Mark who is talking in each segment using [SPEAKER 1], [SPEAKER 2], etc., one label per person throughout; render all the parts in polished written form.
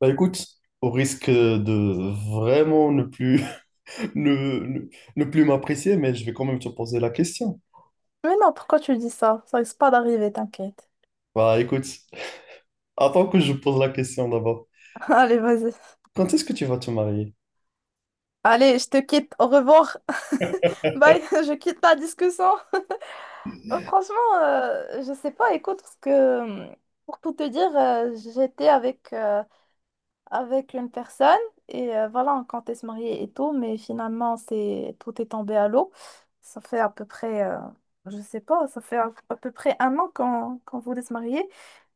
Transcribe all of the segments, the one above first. [SPEAKER 1] Bah écoute, au risque de vraiment ne plus, ne, ne- ne plus m'apprécier, mais je vais quand même te poser la question.
[SPEAKER 2] Mais non, pourquoi tu dis ça? Ça risque pas d'arriver, t'inquiète.
[SPEAKER 1] Bah écoute, attends que je pose la question d'abord.
[SPEAKER 2] Allez, vas-y.
[SPEAKER 1] Quand est-ce que tu vas te marier?
[SPEAKER 2] Allez, je te quitte. Au revoir. Bye, je quitte la discussion. Franchement, je sais pas, écoute, parce que euh, pour tout te dire, j'étais avec une personne et voilà, on comptait se marier et tout, mais finalement, c'est tout est tombé à l'eau. Ça fait à peu près, je sais pas, ça fait à peu près un an qu'on voulait se marier,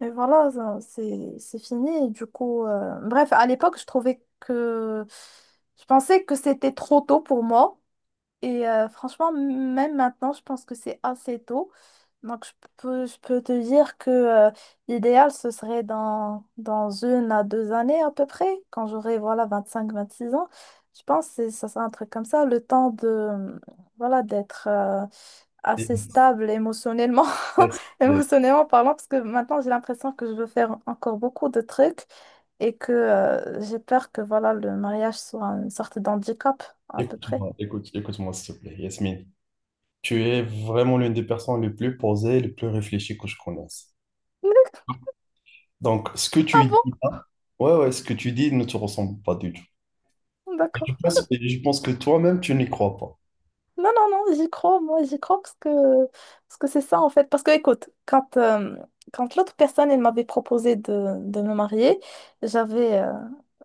[SPEAKER 2] mais voilà, c'est fini. Et du coup, bref, à l'époque, je pensais que c'était trop tôt pour moi. Et franchement, même maintenant, je pense que c'est assez tôt. Donc, je peux te dire que l'idéal, ce serait dans une à deux années à peu près, quand j'aurai, voilà, 25-26 ans. Je pense que ça sera un truc comme ça, le temps de, voilà, d'être assez
[SPEAKER 1] Yes,
[SPEAKER 2] stable émotionnellement.
[SPEAKER 1] yes, yes.
[SPEAKER 2] Émotionnellement parlant, parce que maintenant, j'ai l'impression que je veux faire encore beaucoup de trucs et que j'ai peur que, voilà, le mariage soit une sorte d'handicap à peu près.
[SPEAKER 1] Écoute-moi, écoute, écoute-moi s'il te plaît, Yasmine. Tu es vraiment l'une des personnes les plus posées, les plus réfléchies que je connaisse. Donc, ce que
[SPEAKER 2] Ah
[SPEAKER 1] tu
[SPEAKER 2] bon?
[SPEAKER 1] dis là, ouais, ouais, ce que tu dis ne te ressemble pas du tout. Et
[SPEAKER 2] D'accord.
[SPEAKER 1] je pense, et je pense que toi-même, tu n'y crois pas.
[SPEAKER 2] Non, non, non, j'y crois, moi, j'y crois parce que c'est ça en fait. Parce que écoute, quand l'autre personne, elle m'avait proposé de me marier, j'avais euh,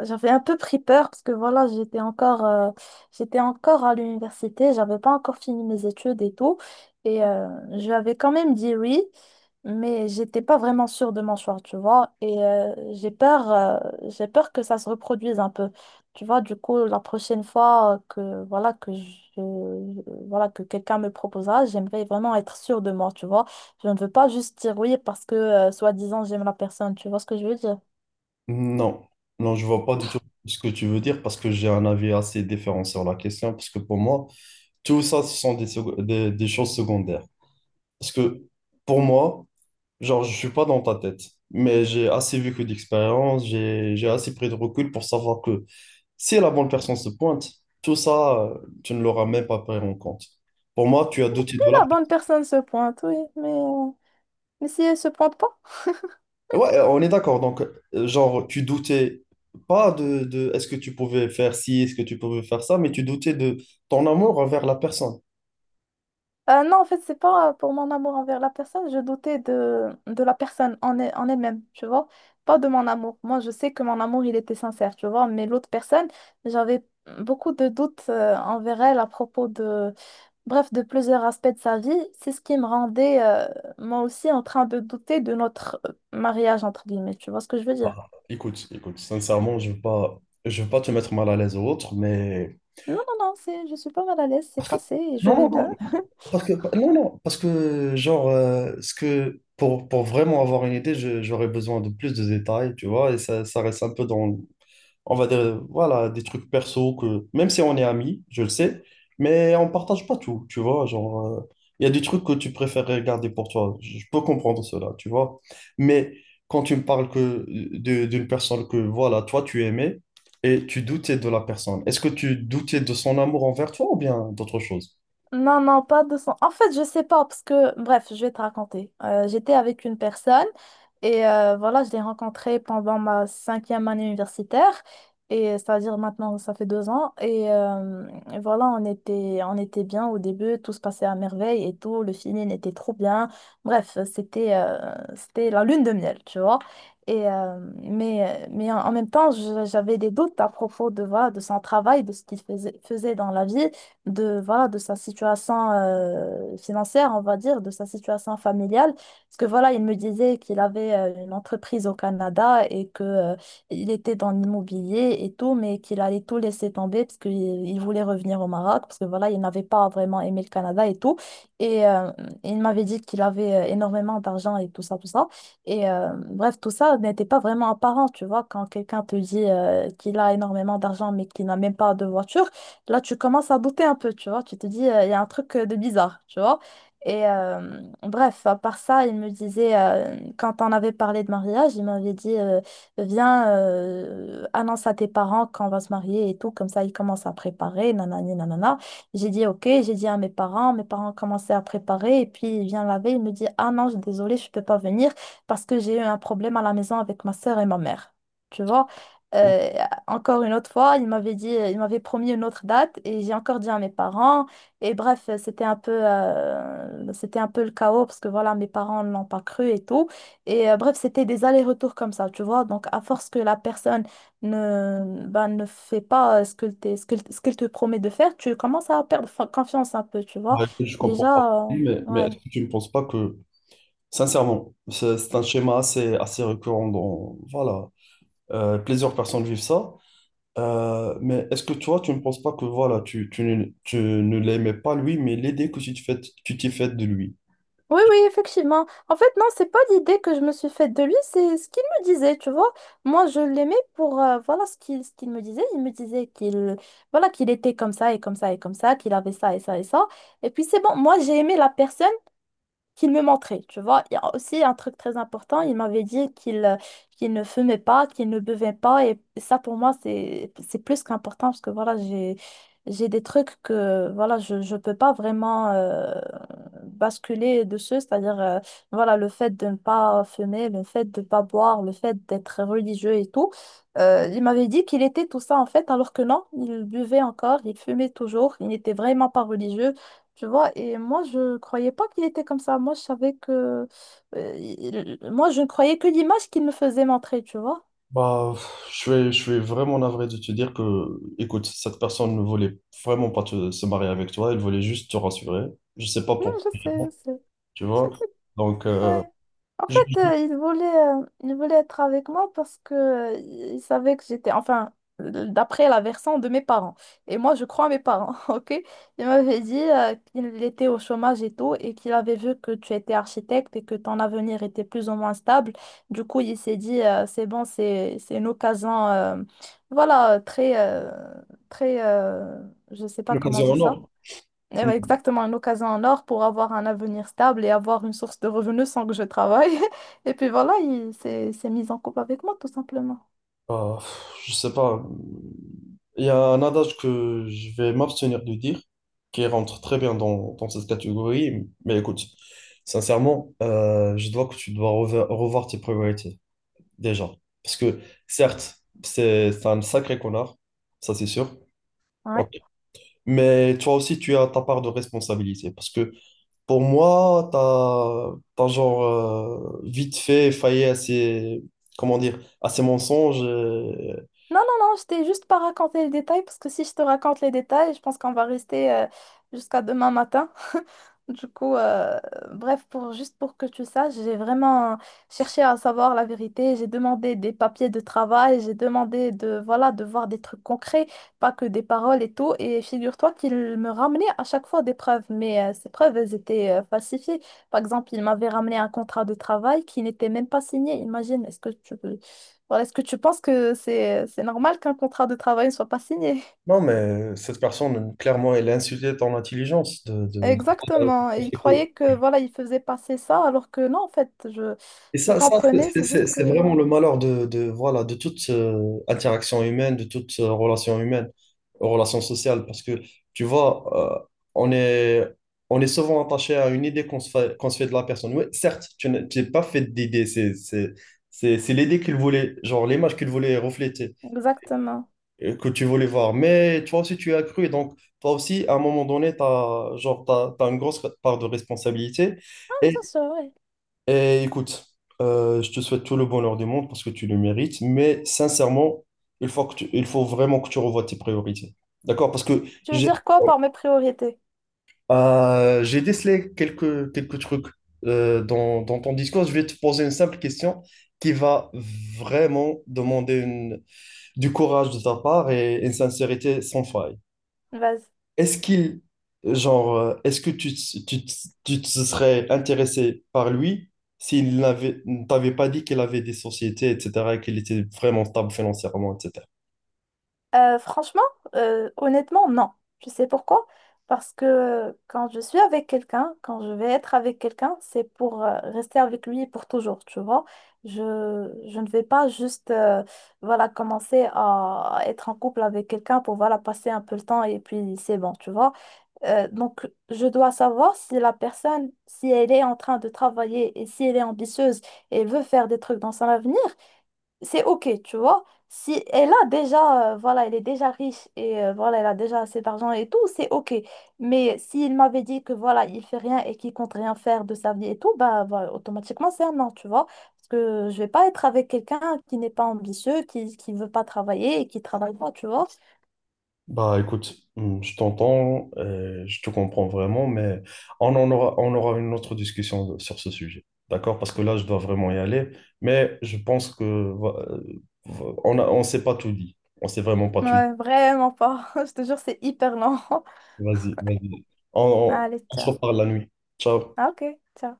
[SPEAKER 2] j'avais un peu pris peur parce que voilà, j'étais encore à l'université, j'avais pas encore fini mes études et tout. Et je lui avais quand même dit oui. Mais j'étais pas vraiment sûre de mon choix, tu vois. Et j'ai peur que ça se reproduise un peu. Tu vois, du coup, la prochaine fois que voilà voilà que quelqu'un me proposera, j'aimerais vraiment être sûre de moi, tu vois. Je ne veux pas juste dire oui parce que soi-disant j'aime la personne, tu vois ce que je veux dire.
[SPEAKER 1] Non, non, je vois pas du tout ce que tu veux dire parce que j'ai un avis assez différent sur la question parce que pour moi, tout ça, ce sont des choses secondaires. Parce que pour moi, genre, je suis pas dans ta tête, mais j'ai assez vécu d'expérience, j'ai assez pris de recul pour savoir que si la bonne personne se pointe, tout ça, tu ne l'auras même pas pris en compte. Pour moi, tu as douté de là.
[SPEAKER 2] La bonne personne se pointe, oui, mais mais si elle se pointe pas.
[SPEAKER 1] Ouais, on est d'accord. Donc, genre, tu doutais pas de, de est-ce que tu pouvais faire ci, est-ce que tu pouvais faire ça, mais tu doutais de ton amour envers la personne.
[SPEAKER 2] Non, en fait, c'est pas pour mon amour envers la personne, je doutais de la personne en elle-même, tu vois, pas de mon amour. Moi, je sais que mon amour, il était sincère, tu vois, mais l'autre personne, j'avais beaucoup de doutes envers elle à propos de, bref, de plusieurs aspects de sa vie. C'est ce qui me rendait, moi aussi, en train de douter de notre mariage, entre guillemets, tu vois ce que je veux dire?
[SPEAKER 1] Écoute, écoute, sincèrement, je veux pas te mettre mal à l'aise ou autre, mais
[SPEAKER 2] Non, non, non, je suis pas mal à l'aise, c'est
[SPEAKER 1] parce que
[SPEAKER 2] passé et je
[SPEAKER 1] non,
[SPEAKER 2] vais bien.
[SPEAKER 1] non, non, parce que non, non, parce que genre, ce que pour vraiment avoir une idée, j'aurais besoin de plus de détails, tu vois, et ça reste un peu dans, on va dire, voilà, des trucs perso que, même si on est amis, je le sais, mais on partage pas tout, tu vois, genre, il y a des trucs que tu préfères garder pour toi, je peux comprendre cela, tu vois, mais quand tu me parles que d'une personne que, voilà, toi, tu aimais et tu doutais de la personne, est-ce que tu doutais de son amour envers toi ou bien d'autre chose?
[SPEAKER 2] Non, non, pas de son. En fait, je sais pas, parce que, bref, je vais te raconter. J'étais avec une personne et voilà, je l'ai rencontrée pendant ma cinquième année universitaire. Et c'est-à-dire maintenant, ça fait 2 ans. Et voilà, on était bien au début, tout se passait à merveille et tout, le feeling était trop bien. Bref, c'était c'était la lune de miel, tu vois. Mais en même temps, j'avais des doutes à propos de, voilà, de son travail, de ce qu'il faisait dans la vie de, voilà, de sa situation financière, on va dire, de sa situation familiale. Parce que voilà, il me disait qu'il avait une entreprise au Canada et que il était dans l'immobilier et tout, mais qu'il allait tout laisser tomber parce qu'il voulait revenir au Maroc, parce que voilà, il n'avait pas vraiment aimé le Canada et tout. Et il m'avait dit qu'il avait énormément d'argent et tout ça, tout ça. Et bref, tout ça n'était pas vraiment apparent, tu vois, quand quelqu'un te dit qu'il a énormément d'argent mais qu'il n'a même pas de voiture là, tu commences à douter un peu, tu vois. Tu te dis, il y a un truc de bizarre, tu vois. Et bref, à part ça, il me disait, quand on avait parlé de mariage, il m'avait dit, viens, annonce à tes parents qu'on va se marier et tout. Comme ça, ils commencent à préparer, nanani, nanana. J'ai dit, ok, j'ai dit à mes parents commençaient à préparer. Et puis, il vient la veille, il me dit, ah non, désolée, je peux pas venir parce que j'ai eu un problème à la maison avec ma sœur et ma mère. Tu vois? Euh, Encore une autre fois, il m'avait promis une autre date et j'ai encore dit à mes parents. Et bref, c'était un peu le chaos parce que voilà, mes parents ne l'ont pas cru et tout. Et bref, c'était des allers-retours comme ça, tu vois. Donc, à force que la personne ne fait pas ce que t'es- ce que, ce qu'elle te promet de faire, tu commences à perdre confiance un peu, tu vois.
[SPEAKER 1] Ouais, que je comprends pas.
[SPEAKER 2] Déjà,
[SPEAKER 1] Oui, mais est-ce
[SPEAKER 2] ouais.
[SPEAKER 1] que tu ne penses pas que, sincèrement, c'est un schéma assez récurrent dans, voilà, plusieurs personnes vivent ça. Mais est-ce que toi, tu ne penses pas que voilà, tu ne l'aimais pas lui, mais l'idée que tu t'es faite de lui?
[SPEAKER 2] Oui, oui, effectivement. En fait, non, c'est pas l'idée que je me suis faite de lui, c'est ce qu'il me disait, tu vois. Moi, je l'aimais pour, voilà, ce qu'il me disait. Il me disait qu'il était comme ça et comme ça et comme ça, qu'il avait ça et ça et ça. Et puis, c'est bon. Moi, j'ai aimé la personne qu'il me montrait, tu vois. Il y a aussi un truc très important, il m'avait dit qu'il ne fumait pas, qu'il ne buvait pas, et ça pour moi c'est plus qu'important parce que voilà, j'ai des trucs que voilà, je peux pas vraiment basculer dessus, c'est-à-dire voilà, le fait de ne pas fumer, le fait de ne pas boire, le fait d'être religieux et tout. Il m'avait dit qu'il était tout ça en fait, alors que non, il buvait encore, il fumait toujours, il n'était vraiment pas religieux. Tu vois, et moi, je croyais pas qu'il était comme ça. Moi, je ne croyais que l'image qu'il me faisait montrer, tu vois.
[SPEAKER 1] Bah, pff, je suis vraiment navré de te dire que, écoute, cette personne ne voulait vraiment pas se marier avec toi, elle voulait juste te rassurer. Je sais pas
[SPEAKER 2] Non,
[SPEAKER 1] pourquoi,
[SPEAKER 2] je sais.
[SPEAKER 1] tu vois. Donc,
[SPEAKER 2] Ouais. En
[SPEAKER 1] je-
[SPEAKER 2] fait,
[SPEAKER 1] je-
[SPEAKER 2] il voulait être avec moi parce que, il savait que j'étais, enfin, d'après la version de mes parents. Et moi, je crois à mes parents, ok? Il m'avait dit, qu'il était au chômage et tout, et qu'il avait vu que tu étais architecte et que ton avenir était plus ou moins stable. Du coup, il s'est dit, c'est bon, c'est une occasion, voilà, très, très, je sais pas comment
[SPEAKER 1] l'occasion
[SPEAKER 2] dire
[SPEAKER 1] en
[SPEAKER 2] ça.
[SPEAKER 1] or.
[SPEAKER 2] Eh ben, exactement, une occasion en or pour avoir un avenir stable et avoir une source de revenus sans que je travaille. Et puis voilà, il s'est mis en couple avec moi, tout simplement.
[SPEAKER 1] Euh, je sais pas. Il y a un adage que je vais m'abstenir de dire, qui rentre très bien dans, dans cette catégorie. Mais écoute, sincèrement, je dois que tu dois revoir tes priorités, déjà. Parce que, certes, c'est un sacré connard, ça c'est sûr.
[SPEAKER 2] Ouais.
[SPEAKER 1] Ok. Mais toi aussi, tu as ta part de responsabilité. Parce que pour moi, t'as genre vite fait failli à ces, comment dire, à ces mensonges.
[SPEAKER 2] Non, non, non, je t'ai juste pas raconté les détails parce que si je te raconte les détails, je pense qu'on va rester jusqu'à demain matin. Du coup, bref, juste pour que tu saches, j'ai vraiment cherché à savoir la vérité. J'ai demandé des papiers de travail, j'ai demandé de, voilà, de voir des trucs concrets, pas que des paroles et tout. Et figure-toi qu'il me ramenait à chaque fois des preuves, mais ces preuves, elles étaient falsifiées. Par exemple, il m'avait ramené un contrat de travail qui n'était même pas signé. Imagine, est-ce que tu penses que c'est normal qu'un contrat de travail ne soit pas signé?
[SPEAKER 1] Non, mais cette personne, clairement, elle a insulté ton intelligence.
[SPEAKER 2] Exactement. Et il
[SPEAKER 1] De-
[SPEAKER 2] croyait que voilà, il faisait passer ça, alors que non, en fait, je,
[SPEAKER 1] Et
[SPEAKER 2] je
[SPEAKER 1] ça,
[SPEAKER 2] comprenais, c'est juste
[SPEAKER 1] c'est
[SPEAKER 2] que.
[SPEAKER 1] vraiment le malheur de, voilà, de toute interaction humaine, de toute relation humaine, relation sociale. Parce que, tu vois, on est, on est souvent attaché à une idée qu'on se fait de la personne. Oui, certes, tu n'es pas fait d'idée. C'est l'idée qu'il voulait, genre l'image qu'il voulait refléter.
[SPEAKER 2] Exactement.
[SPEAKER 1] Que tu voulais voir. Mais toi aussi, tu as cru. Et donc, toi aussi, à un moment donné, tu as, genre, t'as une grosse part de responsabilité.
[SPEAKER 2] Ah,
[SPEAKER 1] Et,
[SPEAKER 2] bien sûr, oui.
[SPEAKER 1] et écoute, je te souhaite tout le bonheur du monde parce que tu le mérites. Mais sincèrement, il faut que il faut vraiment que tu revoies tes priorités. D'accord? Parce que
[SPEAKER 2] Tu veux
[SPEAKER 1] j'ai
[SPEAKER 2] dire quoi par mes priorités?
[SPEAKER 1] j'ai décelé quelques trucs dans, dans ton discours. Je vais te poser une simple question qui va vraiment demander du courage de ta part et une sincérité sans faille.
[SPEAKER 2] Vas-y.
[SPEAKER 1] Est-ce qu'il, genre, est-ce que tu, te- tu, te- tu te serais intéressé par lui ne t'avait pas dit qu'il avait des sociétés, etc., et qu'il était vraiment stable financièrement, etc.
[SPEAKER 2] Franchement, honnêtement, non. Je sais pourquoi? Parce que quand je suis avec quelqu'un, quand je vais être avec quelqu'un, c'est pour rester avec lui pour toujours, tu vois. Je, je ne vais pas juste voilà, commencer à être en couple avec quelqu'un pour voilà, passer un peu le temps et puis c'est bon, tu vois. Donc, je dois savoir si la personne, si elle est en train de travailler et si elle est ambitieuse et veut faire des trucs dans son avenir, c'est OK, tu vois. Si elle a déjà, voilà, elle est déjà riche et voilà, elle a déjà assez d'argent et tout, c'est OK. Mais s'il m'avait dit que voilà, il fait rien et qu'il compte rien faire de sa vie et tout, bah, voilà, automatiquement, c'est un non, tu vois. Parce que je vais pas être avec quelqu'un qui n'est pas ambitieux, qui veut pas travailler et qui travaille pas, tu vois.
[SPEAKER 1] Bah écoute, je t'entends, je te comprends vraiment, mais on aura une autre discussion sur ce sujet, d'accord? Parce que là, je dois vraiment y aller, mais je pense que on a, on s'est pas tout dit, on s'est vraiment pas tout dit.
[SPEAKER 2] Ouais, vraiment pas. Je te jure, c'est hyper lent.
[SPEAKER 1] Vas-y, vas-y, on,
[SPEAKER 2] Ah,
[SPEAKER 1] on se
[SPEAKER 2] l'État.
[SPEAKER 1] reparle la nuit. Ciao.
[SPEAKER 2] Ah, ok, ça